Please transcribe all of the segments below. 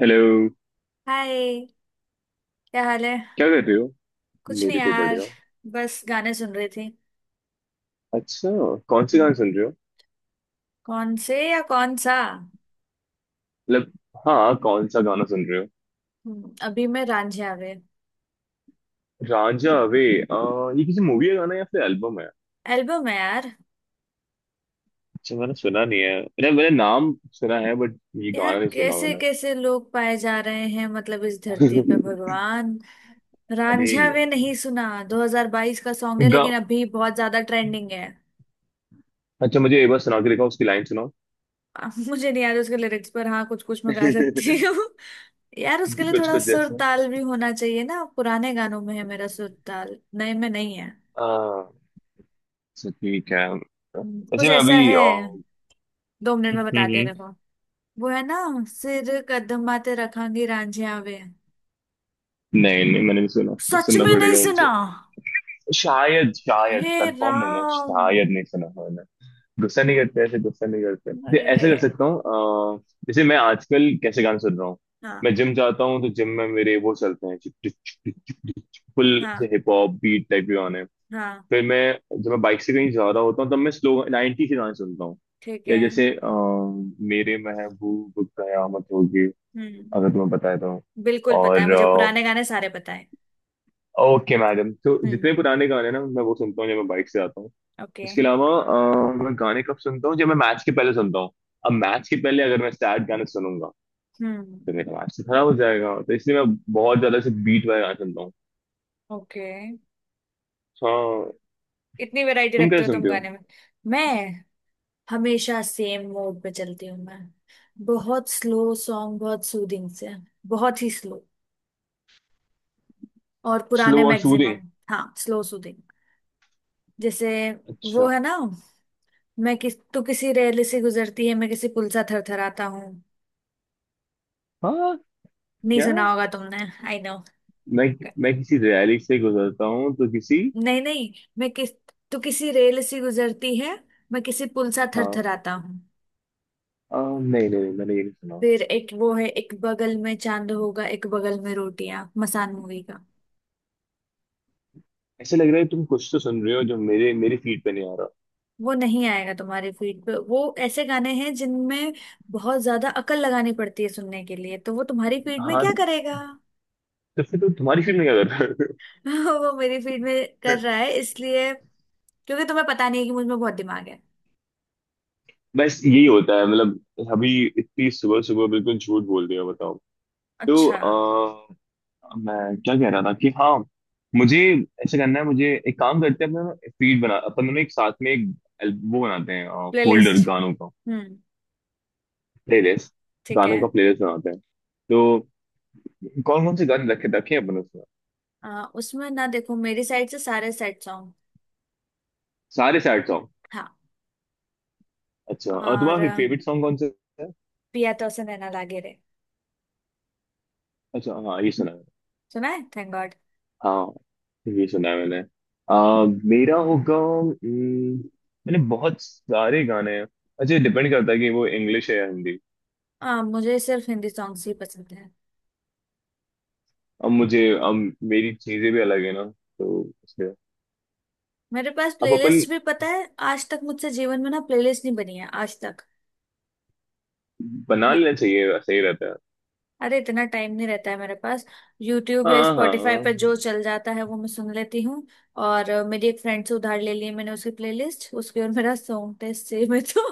Hello. Hi, क्या हाल है। क्या कर रहे हो? कुछ नहीं मेरी तो यार। बढ़िया। बस गाने सुन रही थी। अच्छा, कौन सी गाना हम्म। सुन रहे हो? कौन से या कौन सा। मतलब, हाँ कौन सा गाना सुन रहे हो? अभी मैं रांझिया वे। रांझा अवे। ये किसी मूवी का गाना है या फिर एल्बम है? एल्बम है यार। अच्छा, मैंने सुना नहीं है। मैंने मैंने नाम सुना है बट ये यार गाना नहीं सुना कैसे मैंने। कैसे लोग पाए जा रहे हैं, मतलब इस धरती पे भगवान। अरे रांझिया वे यार। नहीं सुना। 2022 का सॉन्ग है गा। लेकिन अभी बहुत ज्यादा ट्रेंडिंग है। अच्छा, मुझे एक बार सुना के देखो, उसकी लाइन सुनाओ। मुझे नहीं याद उसके लिरिक्स, पर हाँ कुछ कुछ मैं गा सकती हूँ। यार उसके लिए कुछ थोड़ा कुछ सुर जैसा। ताल भी होना चाहिए ना, पुराने गानों में है मेरा सुर ताल, नए में नहीं है। आ, अच्छा, ठीक है। वैसे कुछ मैं ऐसा अभी है। 2 मिनट में बताते हैं, हम्म। देखो। वो है ना, सिर कदमाते रखांगी रांझिया वे। नहीं नहीं, मैंने नहीं सुना। सच सुनना में नहीं पड़ेगा सुना। मुझे। शायद शायद हे कंफर्म नहीं है, राम। शायद नहीं सुना है मैंने। गुस्सा नहीं करते, ऐसे गुस्सा नहीं करते तो अरे रे। ऐसे कर सकता हूँ। जैसे मैं आजकल कैसे गाने सुन रहा हूँ। हाँ मैं जिम जाता हूँ तो जिम में मेरे वो चलते हैं, फुल से हाँ हिप हॉप बीट टाइप के गाने। हाँ, फिर मैं जब मैं बाइक से कहीं जा रहा होता हूँ तब मैं स्लो 90 के गाने सुनता हूँ। ठीक या है। जैसे मेरे महबूब कयामत होगी हम्म अगर तुम्हें बताया तो। बिल्कुल पता है और मुझे, पुराने गाने सारे पता है। ओके मैडम, तो जितने हम्म। पुराने गाने ना मैं वो सुनता हूँ जब मैं बाइक से आता हूँ। ओके। इसके अलावा मैं गाने कब सुनता हूँ? जब मैं मैच के पहले सुनता हूँ। अब मैच के पहले अगर मैं सैड गाने सुनूंगा हम्म। तो मेरा मैच तो खराब हो जाएगा, तो इसलिए मैं बहुत ज्यादा से बीट वाले गाने सुनता हूँ। ओके। हाँ। इतनी वैरायटी तुम रखते कैसे हो तुम सुनते हो? गाने में। मैं हमेशा सेम मोड पे चलती हूँ मैं। बहुत स्लो सॉन्ग, बहुत सूदिंग से। बहुत ही स्लो। और पुराने स्लो और सूदिंग। मैक्सिमम। हाँ, स्लो सूदिंग। जैसे वो अच्छा। है ना, मैं किस तू किसी रेल से गुजरती है, मैं किसी पुल सा थरथराता हूँ। हाँ, नहीं क्या? सुना होगा तुमने। I know. मैं मैं किसी रैली से गुजरता हूँ तो किसी। नहीं नहीं, मैं किस तू किसी रेल से गुजरती है, मैं किसी पुल सा हाँ। थरथराता हूँ। नहीं नहीं नहीं, मैंने ये नहीं सुना। फिर एक वो है, एक बगल में चांद होगा एक बगल में रोटियां, मसान मूवी का। ऐसे लग रहा है तुम कुछ तो सुन रहे हो जो मेरे मेरी फीड पे नहीं आ रहा। वो नहीं आएगा तुम्हारे फीड पे। वो ऐसे गाने हैं जिनमें बहुत ज्यादा अकल लगानी पड़ती है सुनने के लिए, तो वो तुम्हारी फीड में हाँ, क्या करेगा। तो फिर तो तुम्हारी फीड में क्या कर रहा है? वो मेरी फील्ड में कर रहा है इसलिए, क्योंकि तुम्हें पता नहीं है कि मुझ में बहुत दिमाग है। बस यही होता है मतलब। अभी इतनी सुबह सुबह बिल्कुल झूठ बोल दिया बताओ। तो अच्छा। आ, मैं क्या कह रहा था कि हाँ मुझे ऐसा करना है। मुझे एक काम करते हैं, अपना फीड बना, अपन दोनों एक साथ में एक वो बनाते हैं, फोल्डर प्लेलिस्ट। गानों का, हम्म। प्लेलिस्ट, ठीक गानों का है। प्लेलिस्ट बनाते हैं। तो कौन कौन से गाने रखे रखे हैं अपन उसमें? उसमें ना देखो, मेरी साइड से सारे सेट सॉन्ग। सारे सैड सॉन्ग। हाँ। अच्छा, और तुम्हारा फेवरेट सॉन्ग कौन सा है? पिया तो उसे नैना लागे रे। अच्छा हाँ, ये सुना। सुना है, थैंक गॉड। हाँ ये सुना है मैंने। आ, मेरा होगा मैंने बहुत सारे गाने हैं। अच्छा, डिपेंड करता है कि वो इंग्लिश है या हिंदी। मुझे सिर्फ हिंदी सॉन्ग्स ही पसंद है। अब मेरी चीजें भी अलग है ना, तो इसलिए मेरे पास अब अपन प्लेलिस्ट भी, पता है आज तक मुझसे जीवन में ना प्लेलिस्ट नहीं बनी है आज तक। बना लेना चाहिए, सही रहता है। अरे इतना टाइम नहीं रहता है मेरे पास। यूट्यूब या हाँ हाँ, स्पॉटिफाई पर जो चल जाता है वो मैं सुन लेती हूँ। और मेरी एक फ्रेंड से उधार ले ली है मैंने उसकी प्लेलिस्ट, उसकी और मेरा सॉन्ग टेस्ट सेम है तो।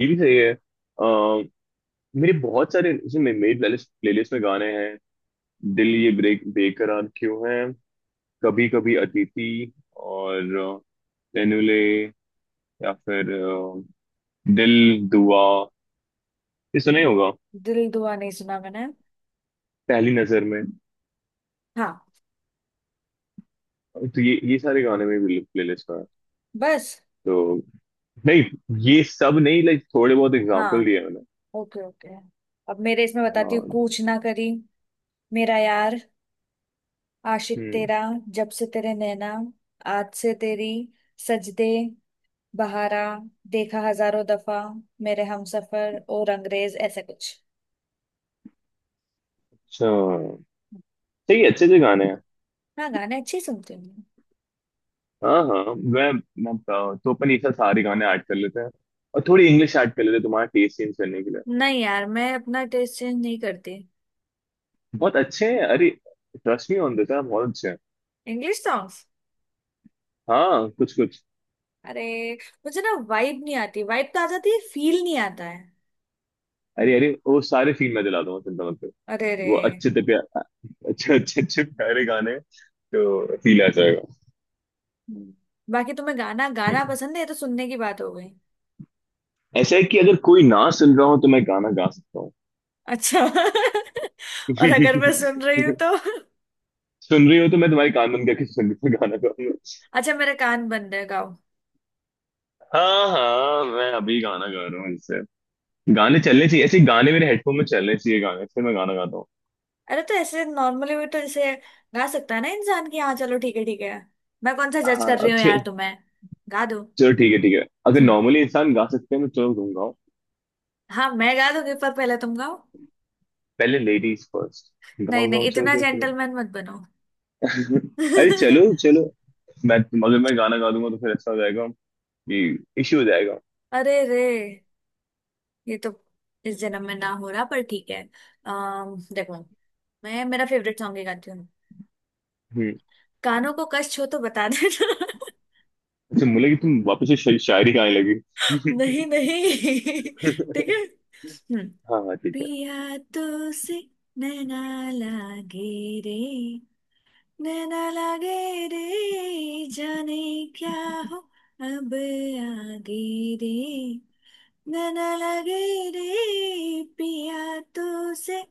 ये भी सही है। मेरे बहुत सारे जैसे मेरी प्लेलिस्ट प्लेलिस्ट में गाने हैं। दिल ये ब्रेक बेकरार क्यों है, कभी कभी अतिथि, और तेनुले, या फिर दिल दुआ, ये सुना ही होगा, दिल दुआ नहीं सुना मैंने। पहली नजर में। हाँ, तो ये सारे गाने में भी प्लेलिस्ट में है। बस। तो नहीं, ये सब नहीं, लाइक थोड़े बहुत एग्जांपल हाँ, दिए मैंने। Okay okay. अब मेरे इसमें बताती हूँ, हाँ। कूच ना करी, मेरा यार, आशिक हम्म। तेरा, जब से तेरे नैना, आज से तेरी, सजदे, बहारा, देखा हजारों दफा, मेरे हमसफर और अंग्रेज, ऐसा कुछ। अच्छा, सही है, अच्छे अच्छे गाने हैं। हाँ, गाने अच्छे सुनती हूँ मैं। हाँ हाँ, मैं बताओ, तो अपन ये सब सारे गाने ऐड कर लेते हैं और थोड़ी इंग्लिश ऐड कर लेते हैं, तुम्हारा टेस्ट चेंज करने के लिए। नहीं यार, मैं अपना टेस्ट चेंज नहीं करती। बहुत अच्छे हैं अरे, ट्रस्ट मी ऑन दिस, बहुत अच्छे हैं। English songs. हाँ कुछ कुछ। अरे, मुझे ना वाइब नहीं आती, वाइब तो आ जाती है, फील नहीं आता है। अरे अरे, वो सारे सीन मैं दिला दूंगा, चिंता मत। अरे रे। वो अच्छे से प्या, अच्छे अच्छे अच्छे प्यारे गाने, तो फील आ जाएगा। हम्म। बाकी तुम्हें गाना गाना पसंद है, ये तो सुनने की बात हो गई। ऐसा है कि अगर कोई ना सुन रहा हो तो मैं गाना गा सकता हूँ। अच्छा और अगर मैं सुन रही हूँ तो। सुन रही हो तो मैं तुम्हारी कान बंद करके सुन रही हूँ गाना गाऊंगा। अच्छा मेरे कान बंद है, गाओ। हाँ हाँ, मैं अभी गाना गा रहा हूँ इससे। गाने चलने चाहिए, ऐसे गाने मेरे हेडफोन में चलने चाहिए गाने, फिर मैं गाना गाता हूँ। अरे तो ऐसे नॉर्मली भी तो जैसे गा सकता है ना इंसान, की हाँ, चलो ठीक है ठीक है। मैं कौन सा जज हाँ कर रही हूँ अच्छे। यार तुम्हें। गा दो। चलो ठीक है ठीक है, अगर हम्म। नॉर्मली इंसान गा सकते हैं तो चलो तुम गाओ। हाँ मैं गा दूंगी, पर पहले तुम गाओ। पहले लेडीज फर्स्ट। नहीं गाओ नहीं, गाओ, इतना चलो चलो, जेंटलमैन मत बनो। चलो। अरे चलो चलो। मैं अगर मैं गाना गा दूंगा तो फिर ऐसा हो जाएगा कि इश्यू हो जाएगा। अरे रे, ये तो इस जन्म में ना हो रहा, पर ठीक है। अम देखो, मैं मेरा फेवरेट सॉन्ग ही गाती हूँ। हम्म। कानों को कष्ट हो तो बता देना। अच्छा बोले कि तुम वापस से शायरी गाने लगी। नहीं नहीं, ठीक है। हम्म। हाँ हाँ ठीक है। पिया तो से, नैना, लागे, रे, नैना लागे रे, जाने, क्या, हो, अब आगे रे, नैना लगे, रे पिया, तो से,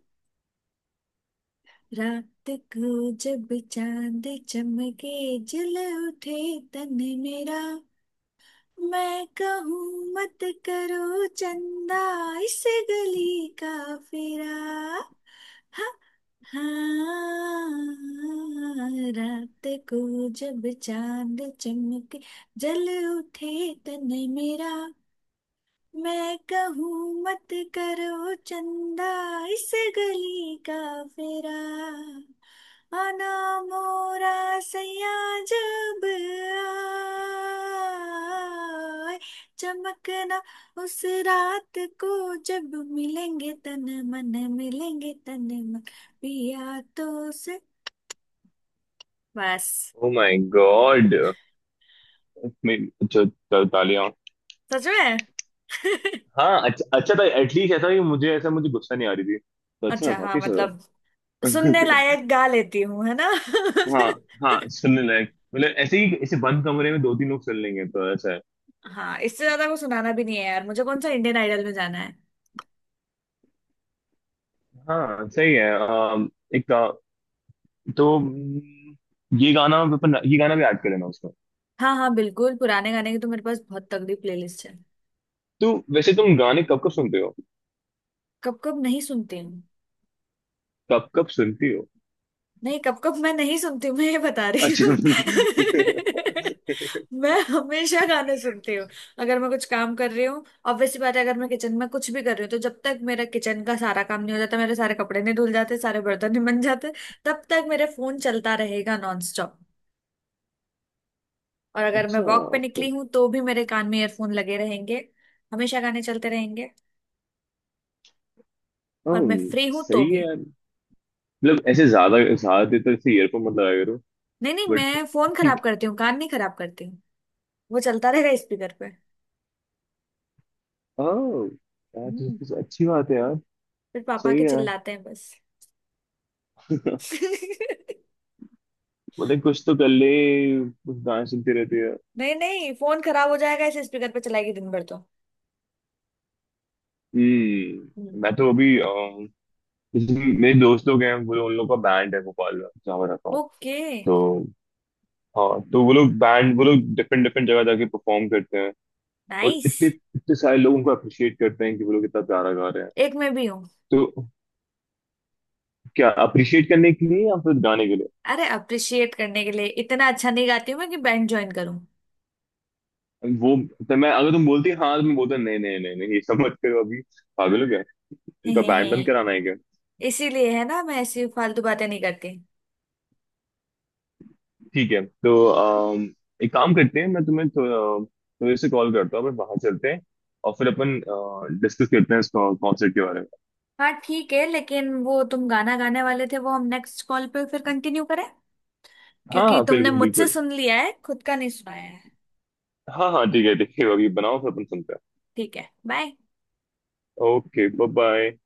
रात, को जब, चांद चमके, जल, उठे, तन, मेरा, मैं कहूँ मत, करो चंदा, इस, गली का फेरा, हा, हाँ, रात को जब चांद चमके, जल, उठे तन, मेरा, मैं कहूँ मत, करो चंदा, इस, गली का, फेरा, आना, मोरा, सैया, जब आए, चमकना, उस, रात को जब मिलेंगे तन मन, मिलेंगे तन, मन, पिया तो से, बस। Oh my God. मैं, अच्छा तालियां। सच में हाँ अच्छा, अच्छा था एटलीस्ट, ऐसा कि मुझे ऐसा मुझे गुस्सा नहीं आ रही थी तो अच्छा अच्छा हाँ, वापिस। मतलब सुनने लायक गा लेती हूँ, है ना। हाँ हाँ, सुनने लायक मतलब ऐसे ही ऐसे बंद कमरे में दो तीन लोग सुन लेंगे तो ऐसा है। हाँ, इससे ज्यादा को सुनाना भी नहीं है यार, मुझे कौन सा इंडियन आइडल में जाना है। हाँ सही है। एक का, तो ये गाना अपन, ये गाना भी ऐड कर लेना। हाँ हाँ बिल्कुल, पुराने गाने की तो मेरे पास बहुत तगड़ी प्लेलिस्ट है। तो वैसे तुम गाने कब कब सुनते हो? कब कब नहीं सुनती हूँ। कब कब सुनती हो? नहीं, कब कब मैं नहीं सुनती हूँ, मैं ये बता रही हूँ। अच्छा। मैं हमेशा गाने सुनती हूँ। अगर मैं कुछ काम कर रही हूँ, ऑब्वियसली बात है, अगर मैं किचन में कुछ भी कर रही हूँ तो जब तक मेरा किचन का सारा काम नहीं हो जाता, मेरे सारे कपड़े नहीं धुल जाते, सारे बर्तन नहीं बन जाते, तब तक मेरा फोन चलता रहेगा नॉन। और अगर मैं अच्छा, वॉक पे ओके। निकली हूँ तो भी मेरे कान में ईयरफोन लगे रहेंगे। हमेशा गाने चलते रहेंगे। और मैं फ्री हूँ तो सही है भी। यार। मतलब ऐसे ज्यादा ज्यादा देर तक ऐसे ईयरफोन मत लगाया करो। नहीं नहीं, बट मैं फोन ठीक खराब है। करती हूँ, कान नहीं खराब करती हूँ। वो चलता रहेगा स्पीकर पे। ओह यार, तो, हम्म। तो तो अच्छी बात है यार। फिर पापा सही के है। चिल्लाते हैं, बस। बोले कुछ तो कर ले, कुछ गाने सुनते रहते हैं। नहीं नहीं, फोन खराब हो जाएगा इसे स्पीकर पे चलाएगी दिन भर तो। हम्म। मैं तो अभी जैसे मेरे दोस्त लोग हैं, उन लोग का बैंड है भोपाल में जहाँ मैं रहता हूँ। ओके। तो हाँ, तो वो लोग बैंड, वो लोग डिफरेंट डिफरेंट जगह जाके परफॉर्म करते हैं। और नाइस। इतने इतने सारे लोग उनको अप्रिशिएट करते हैं कि वो लोग इतना प्यारा गा रहे हैं। एक में भी हूँ। तो क्या अप्रिशिएट करने के लिए या फिर गाने के लिए? अरे, अप्रिशिएट करने के लिए इतना अच्छा नहीं गाती हूँ मैं कि बैंड ज्वाइन करूँ। वो तो मैं अगर तुम बोलती हाँ तो मैं बोलता नहीं नहीं नहीं नहीं ये सब मत करो अभी, पागल हो गया, हे इनका हे हे। बैंड बंद कराना है क्या? इसीलिए है ना, मैं ऐसी फालतू बातें नहीं करती। ठीक है, तो एक काम करते हैं, मैं तुम्हें थोड़े से कॉल करता हूँ, अपन बाहर चलते हैं और फिर अपन डिस्कस करते हैं इस कॉन्सर्ट के बारे में। हाँ ठीक है, लेकिन वो तुम गाना गाने वाले थे वो हम नेक्स्ट कॉल पे फिर कंटिन्यू करें, हाँ क्योंकि हाँ तुमने बिल्कुल मुझसे बिल्कुल। सुन लिया है, खुद का नहीं सुनाया है। हाँ हाँ ठीक है ठीक है, अभी बनाओ फिर अपन सुनते हैं। ठीक है, बाय। Okay bye bye.